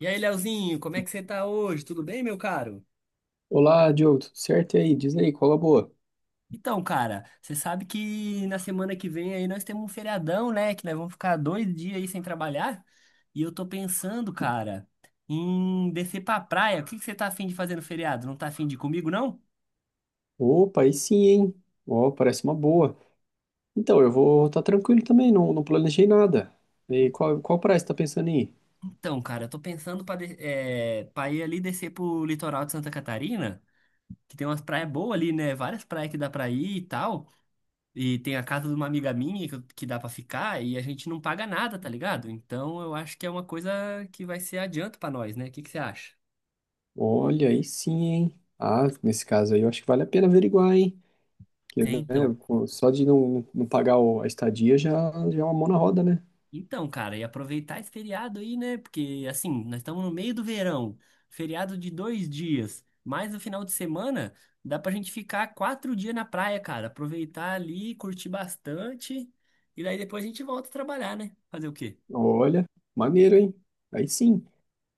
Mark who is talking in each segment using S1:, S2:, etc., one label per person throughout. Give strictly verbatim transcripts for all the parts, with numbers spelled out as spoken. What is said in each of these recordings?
S1: E aí, Leozinho, como é que você tá hoje? Tudo bem, meu caro?
S2: Olá, Diogo, tudo certo? E aí? Diz aí, qual é a boa?
S1: Então, cara, você sabe que na semana que vem aí nós temos um feriadão, né? Que nós vamos ficar dois dias aí sem trabalhar. E eu tô pensando, cara, em descer pra praia. O que que você tá afim de fazer no feriado? Não tá afim de ir comigo, não?
S2: Opa, aí sim, hein? Ó, parece uma boa. Então, eu vou estar tranquilo também, não, não planejei nada. E qual, qual praia você tá pensando em ir?
S1: Então, cara, eu tô pensando pra, de- eh, pra ir ali descer pro litoral de Santa Catarina, que tem umas praias boas ali, né? Várias praias que dá pra ir e tal. E tem a casa de uma amiga minha que, eu- que dá pra ficar e a gente não paga nada, tá ligado? Então eu acho que é uma coisa que vai ser adianto pra nós, né? O que que você acha?
S2: Olha, aí sim, hein? Ah, nesse caso aí eu acho que vale a pena averiguar, hein? Porque,
S1: É,
S2: né,
S1: então.
S2: pô, só de não, não pagar o- a estadia já, já é uma mão na roda, né?
S1: Então, cara, e aproveitar esse feriado aí, né? Porque, assim, nós estamos no meio do verão, feriado de dois dias, mais o final de semana, dá pra gente ficar quatro dias na praia, cara. Aproveitar ali, curtir bastante, e daí depois a gente volta a trabalhar, né? Fazer o quê?
S2: Olha, maneiro, hein? Aí sim.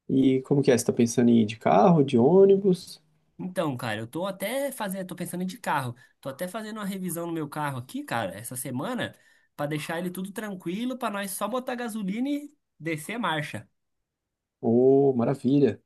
S2: E como que é? Você tá pensando em ir de carro, de ônibus?
S1: Então, cara, eu tô até fazendo, tô pensando em de carro. Tô até fazendo uma revisão no meu carro aqui, cara, essa semana, pra deixar ele tudo tranquilo, pra nós só botar gasolina e descer a marcha.
S2: Ô, maravilha.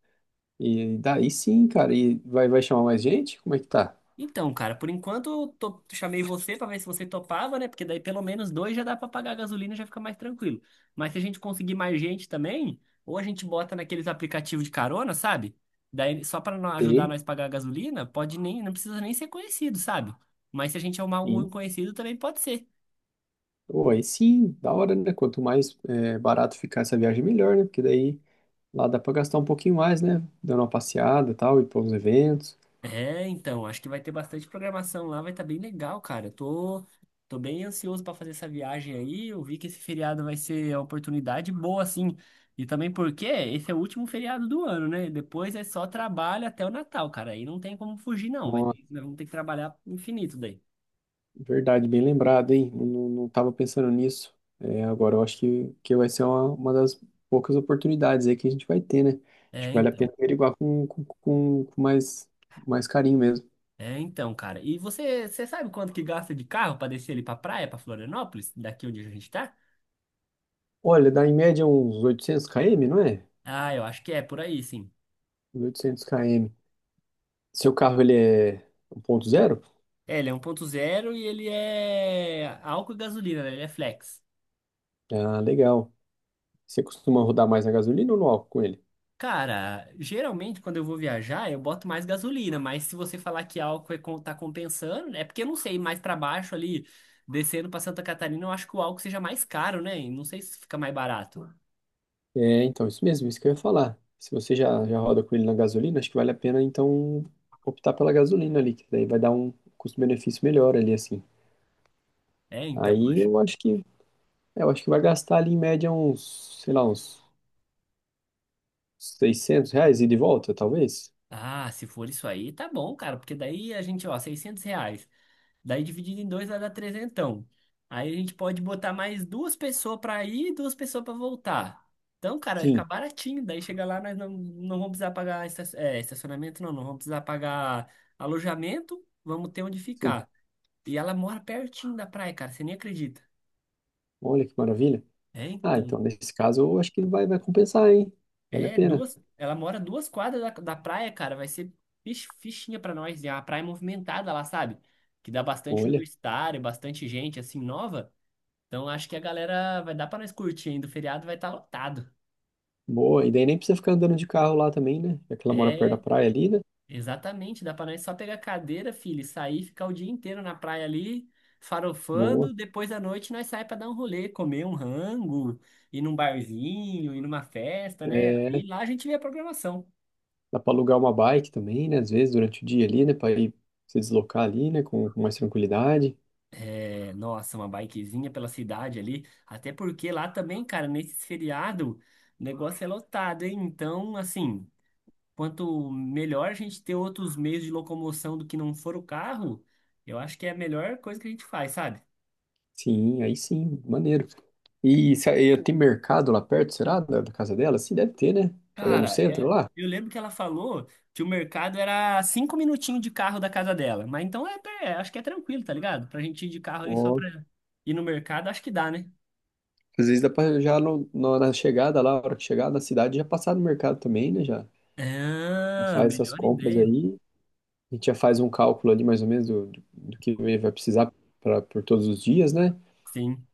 S2: E daí sim, cara. E vai, vai chamar mais gente? Como é que tá?
S1: Então, cara, por enquanto eu tô- chamei você pra ver se você topava, né? Porque daí pelo menos dois já dá pra pagar a gasolina e já fica mais tranquilo. Mas se a gente conseguir mais gente também, ou a gente bota naqueles aplicativos de carona, sabe? Daí só pra nó- ajudar
S2: Sim,
S1: nós a pagar a gasolina, pode nem, não precisa nem ser conhecido, sabe? Mas se a gente arrumar algum
S2: sim.
S1: conhecido também pode ser.
S2: Pô, aí sim, da hora, né? Quanto mais é, barato ficar essa viagem, melhor, né? Porque daí lá dá pra gastar um pouquinho mais, né? Dando uma passeada e tal, ir para os eventos.
S1: É, então, acho que vai ter bastante programação lá, vai estar bem legal, cara. Eu Tô, tô bem ansioso para fazer essa viagem aí. Eu vi que esse feriado vai ser uma oportunidade boa, assim. E também porque esse é o último feriado do ano, né? Depois é só trabalho até o Natal, cara. Aí não tem como fugir, não. Vai,
S2: Nossa,
S1: nós vamos ter que trabalhar infinito daí.
S2: verdade, bem lembrado, hein? Não, não não tava pensando nisso. É, agora eu acho que, que vai ser uma, uma das poucas oportunidades aí que a gente vai ter, né? Acho que
S1: É,
S2: vale a
S1: então.
S2: pena averiguar com, com, com, com mais, mais carinho mesmo.
S1: É, então, cara. E você, você sabe quanto que gasta de carro para descer ali pra praia, pra Florianópolis, daqui onde a gente tá?
S2: Olha, dá em média uns oitocentos quilômetros, não é?
S1: Ah, eu acho que é por aí, sim.
S2: mil e oitocentos km. Seu carro ele é um ponto zero?
S1: É, ele é um ponto zero e ele é álcool e gasolina, né? Ele é flex.
S2: Ah, legal. Você costuma rodar mais na gasolina ou no álcool com ele?
S1: Cara, geralmente quando eu vou viajar, eu boto mais gasolina, mas se você falar que álcool é, com- tá compensando, é porque eu não sei, mais pra baixo ali, descendo pra Santa Catarina, eu acho que o álcool seja mais caro, né? E não sei se fica mais barato.
S2: É, então, isso mesmo, isso que eu ia falar. Se você já, já roda com ele na gasolina, acho que vale a pena, então, optar pela gasolina ali, que daí vai dar um custo-benefício melhor ali, assim.
S1: É, então, eu
S2: Aí
S1: acho.
S2: eu acho que, é, eu acho que vai gastar ali em média uns, sei lá, uns seiscentos reais ida e de volta, talvez?
S1: Ah, se for isso aí, tá bom, cara, porque daí a gente, ó, seiscentos reais. Daí dividido em dois vai dar trezentão. Aí a gente pode botar mais duas pessoas pra ir e duas pessoas pra voltar. Então, cara, vai ficar
S2: Sim,
S1: baratinho. Daí chega lá, nós não, não vamos precisar pagar esta- é, estacionamento, não. Não vamos precisar pagar alojamento. Vamos ter onde
S2: sim.
S1: ficar. E ela mora pertinho da praia, cara. Você nem acredita.
S2: Olha que maravilha.
S1: É,
S2: Ah,
S1: então.
S2: então, nesse caso, eu acho que vai, vai compensar, hein? Vale a
S1: É,
S2: pena.
S1: duas. Ela mora duas quadras da, da praia, cara. Vai ser fich- fichinha pra nós. E é uma praia é movimentada lá, sabe? Que dá bastante
S2: Olha.
S1: universitário, bastante gente, assim, nova. Então acho que a galera vai dar pra nós curtir ainda. O feriado vai estar lotado.
S2: Boa, e daí nem precisa ficar andando de carro lá também, né? Já que ela mora perto da
S1: É,
S2: praia ali, né?
S1: exatamente. Dá pra nós só pegar cadeira, filho, e sair, ficar o dia inteiro na praia ali,
S2: Boa.
S1: farofando. Depois da noite nós sai pra dar um rolê, comer um rango, ir num barzinho, ir numa festa, né?
S2: É,
S1: E lá a gente vê a programação.
S2: dá pra alugar uma bike também, né? Às vezes durante o dia ali, né? Pra ir se deslocar ali, né? Com, com mais tranquilidade.
S1: É, nossa, uma bikezinha pela cidade ali. Até porque lá também, cara, nesse feriado, o negócio é lotado, hein? Então, assim. Quanto melhor a gente ter outros meios de locomoção do que não for o carro, eu acho que é a melhor coisa que a gente faz, sabe?
S2: Sim, aí sim, maneiro. E se, e tem mercado lá perto, será? Da, da casa dela? Sim, deve ter, né? É no
S1: Cara,
S2: centro
S1: é-
S2: lá?
S1: eu lembro que ela falou que o mercado era cinco minutinhos de carro da casa dela, mas então é, é, acho que é tranquilo, tá ligado? Pra gente ir de carro aí só
S2: Ó,
S1: pra ir no mercado, acho que dá, né?
S2: às vezes dá pra já no, no- na chegada lá, a hora que chegar na cidade, já passar no mercado também, né? Já
S1: Ah,
S2: faz essas
S1: melhor
S2: compras
S1: ideia.
S2: aí. A gente já faz um cálculo ali mais ou menos do, do, do que vai precisar pra, por todos os dias, né?
S1: Sim.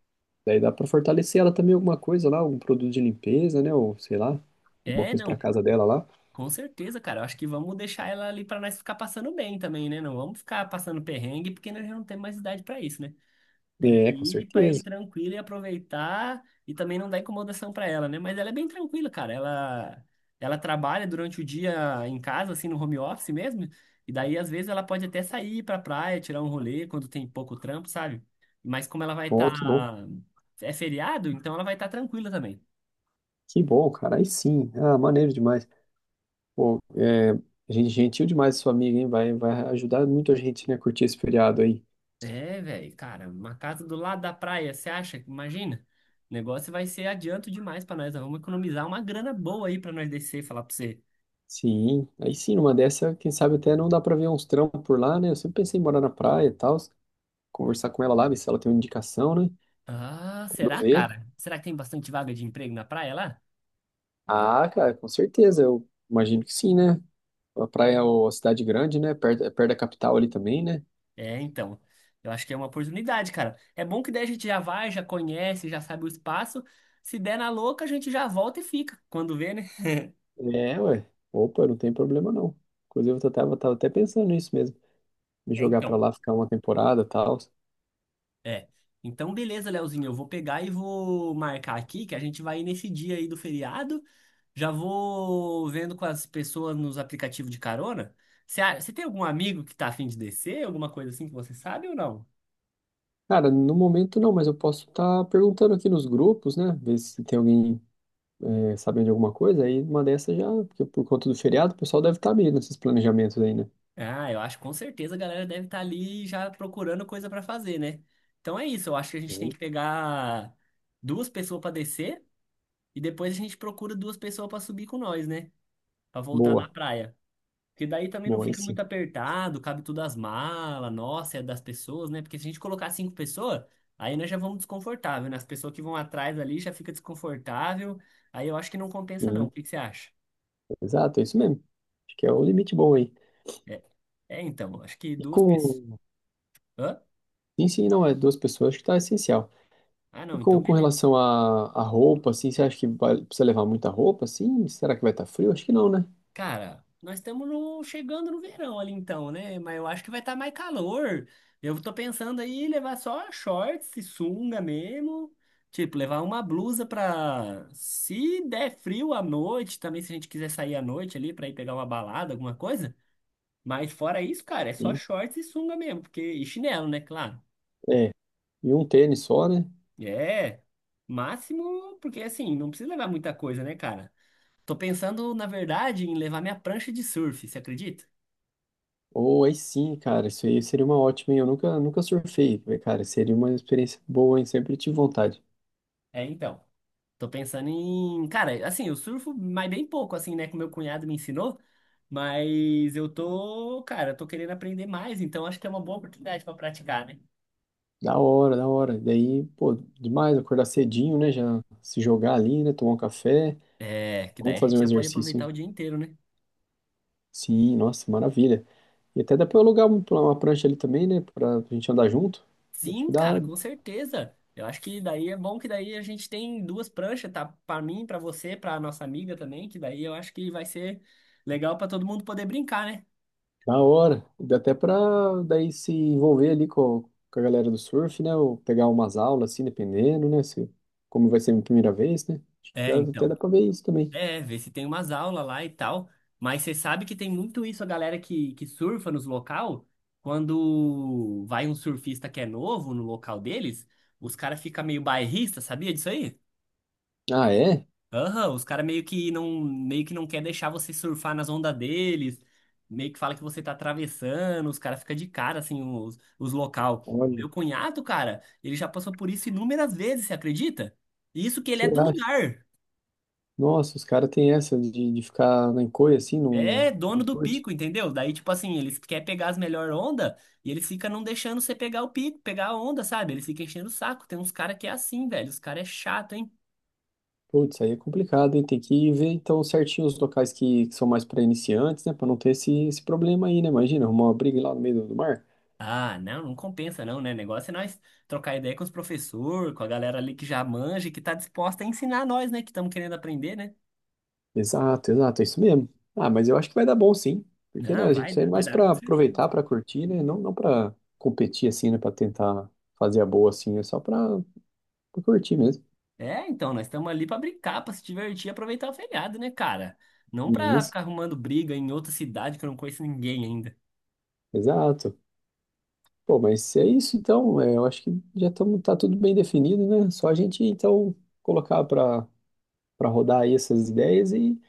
S2: Daí dá pra fortalecer ela também alguma coisa lá, algum produto de limpeza, né? Ou sei lá, alguma
S1: É,
S2: coisa pra
S1: não.
S2: casa dela lá.
S1: Com certeza, cara. Eu acho que vamos deixar ela ali pra nós ficar passando bem também, né? Não vamos ficar passando perrengue, porque nós já não temos mais idade pra isso, né? Temos
S2: É, com
S1: que ir para ir
S2: certeza.
S1: tranquilo e aproveitar e também não dar incomodação para ela, né? Mas ela é bem tranquila, cara. Ela ela trabalha durante o dia em casa, assim, no home office mesmo. E daí às vezes ela pode até sair para praia, tirar um rolê quando tem pouco trampo, sabe? Mas como ela vai estar
S2: Ó, que bom.
S1: é feriado, então ela vai estar tranquila também.
S2: Que bom, cara. Aí sim. Ah, maneiro demais. Pô, é, gente, gentil demais sua amiga, hein? Vai, vai ajudar muito a gente, né, a curtir esse feriado aí.
S1: É, velho, cara, uma casa do lado da praia, você acha? Imagina. O negócio vai ser adianto demais para nós. Nós vamos economizar uma grana boa aí para nós descer e falar para você.
S2: Sim, aí sim, numa dessa, quem sabe até não dá pra ver uns trampos por lá, né? Eu sempre pensei em morar na praia e tal, conversar com ela lá, ver se ela tem uma indicação, né?
S1: Ah,
S2: Quando
S1: será,
S2: vê.
S1: cara? Será que tem bastante vaga de emprego na praia lá?
S2: Ah, cara, com certeza, eu imagino que sim, né? A praia é uma cidade grande, né? Perto, é perto da capital ali também, né?
S1: É, então. Eu acho que é uma oportunidade, cara. É bom que daí a gente já vai, já conhece, já sabe o espaço. Se der na louca, a gente já volta e fica. Quando vê, né?
S2: É, ué. Opa, não tem problema não. Inclusive, eu tava, tava até pensando nisso mesmo. Me
S1: É,
S2: jogar pra
S1: então.
S2: lá, ficar uma temporada e tal.
S1: É. Então, beleza, Leozinho. Eu vou pegar e vou marcar aqui que a gente vai ir nesse dia aí do feriado. Já vou vendo com as pessoas nos aplicativos de carona. Você você tem algum amigo que tá afim de descer? Alguma coisa assim que você sabe ou não?
S2: Cara, no momento não, mas eu posso estar perguntando aqui nos grupos, né? Ver se tem alguém é, sabendo de alguma coisa. Aí uma dessas já, porque por conta do feriado, o pessoal deve estar meio nesses planejamentos aí, né?
S1: Ah, eu acho que com certeza a galera deve estar ali já procurando coisa pra fazer, né? Então é isso, eu acho que a gente tem
S2: Sim.
S1: que pegar duas pessoas pra descer e depois a gente procura duas pessoas pra subir com nós, né? Pra voltar da
S2: Boa,
S1: praia. Porque daí também não
S2: boa, aí
S1: fica
S2: sim.
S1: muito apertado, cabe tudo as malas, nossa, é das pessoas, né? Porque se a gente colocar cinco pessoas, aí nós já vamos desconfortável, né? As pessoas que vão atrás ali já fica desconfortável, aí eu acho que não compensa não.
S2: Sim,
S1: O que que você acha?
S2: exato, é isso mesmo. Acho que é o limite bom aí.
S1: É, é então, acho que
S2: E
S1: duas pessoas.
S2: com,
S1: Hã?
S2: Sim, sim, não, é duas pessoas, que tá essencial.
S1: Ah,
S2: E
S1: não,
S2: com,
S1: então
S2: com
S1: beleza.
S2: relação à à roupa, assim, você acha que vai, precisa levar muita roupa, assim? Será que vai estar frio? Acho que não, né?
S1: Cara, nós estamos no- chegando no verão ali então, né? Mas eu acho que vai estar mais calor. Eu tô pensando aí em levar só shorts e sunga mesmo. Tipo, levar uma blusa pra. Se der frio à noite, também se a gente quiser sair à noite ali pra ir pegar uma balada, alguma coisa. Mas fora isso, cara, é só
S2: Sim.
S1: shorts e sunga mesmo. Porque... E chinelo, né? Claro.
S2: É, e um tênis só, né?
S1: É. Máximo, porque assim, não precisa levar muita coisa, né, cara? Tô pensando, na verdade, em levar minha prancha de surf, você acredita?
S2: Ou aí sim, cara, isso aí seria uma ótima, hein? Eu nunca, nunca surfei, né, cara, seria uma experiência boa, hein? Sempre tive vontade.
S1: É, então. Tô pensando em. Cara, assim, eu surfo, mas bem pouco, assim, né? Que meu cunhado me ensinou. Mas eu tô, cara, eu tô querendo aprender mais, então acho que é uma boa oportunidade pra praticar, né?
S2: Da hora, da hora. Daí, pô, demais acordar cedinho, né? Já se jogar ali, né? Tomar um café.
S1: É, que daí
S2: Vamos
S1: a
S2: fazer
S1: gente
S2: um
S1: já pode
S2: exercício,
S1: aproveitar
S2: hein?
S1: o dia inteiro, né?
S2: Sim, nossa, maravilha. E até dá pra eu alugar um- uma prancha ali também, né? Pra gente andar junto. Acho que
S1: Sim,
S2: dá
S1: cara, com certeza. Eu acho que daí é bom que daí a gente tem duas pranchas, tá? Pra mim, pra você, pra nossa amiga também, que daí eu acho que vai ser legal pra todo mundo poder brincar, né?
S2: da hora. Dá até pra daí se envolver ali com, com a galera do surf, né? Ou pegar umas aulas, assim, dependendo, né? Se, como vai ser a minha primeira vez, né? Acho que
S1: É,
S2: dá, até
S1: então.
S2: dá pra ver isso também.
S1: É, ver se tem umas aulas lá e tal. Mas você sabe que tem muito isso, a galera que, que surfa nos local, quando vai um surfista que é novo no local deles, os caras ficam meio bairrista, sabia disso aí?
S2: Ah, é?
S1: Aham, os caras meio que não, meio que não quer deixar você surfar nas ondas deles, meio que fala que você tá atravessando, os caras ficam de cara, assim, os, os local. O
S2: Olha,
S1: meu cunhado, cara, ele já passou por isso inúmeras vezes, você acredita? Isso que ele
S2: você
S1: é do
S2: acha?
S1: lugar.
S2: Nossa, os caras têm essa de, de ficar na encolha, assim, não,
S1: É dono
S2: não
S1: do
S2: curte.
S1: pico, entendeu? Daí, tipo assim, eles querem pegar as melhores ondas e eles ficam não deixando você pegar o pico, pegar a onda, sabe? Eles ficam enchendo o saco. Tem uns caras que é assim, velho. Os caras é chato, hein?
S2: Putz, aí é complicado, hein? Tem que ver, então, certinho os locais que, que são mais para iniciantes, né? Pra não ter esse, esse problema aí, né? Imagina, arrumar uma briga lá no meio do do mar.
S1: Ah, não, não compensa não, né? Negócio é nós trocar ideia com os professores, com a galera ali que já manja, e que tá disposta a ensinar nós, né? Que estamos querendo aprender, né?
S2: Exato, exato, é isso mesmo. Ah, mas eu acho que vai dar bom sim, porque né,
S1: Não,
S2: a
S1: vai,
S2: gente tá indo
S1: vai
S2: mais
S1: dar
S2: pra
S1: com certeza.
S2: aproveitar, pra curtir, né? Não, não para competir assim, né? Pra tentar fazer a boa assim, é só pra pra curtir mesmo.
S1: É, então, nós estamos ali para brincar, para se divertir e aproveitar o feriado, né, cara? Não para
S2: Isso,
S1: ficar arrumando briga em outra cidade que eu não conheço ninguém ainda.
S2: exato. Pô, mas se é isso então, é, eu acho que já tamo, tá tudo bem definido, né? Só a gente então colocar pra para rodar aí essas ideias e,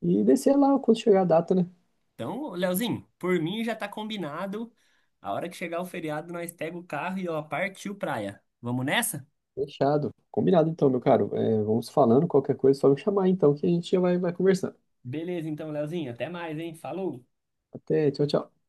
S2: e descer lá quando chegar a data, né?
S1: Então, Leozinho, por mim já tá combinado. A hora que chegar o feriado, nós pega o carro e ó, partiu praia. Vamos nessa?
S2: Fechado. Combinado então, meu caro. É, vamos falando, qualquer coisa, só me chamar então que a gente já vai, vai conversando.
S1: Beleza, então, Leozinho, até mais, hein? Falou!
S2: Até, tchau, tchau.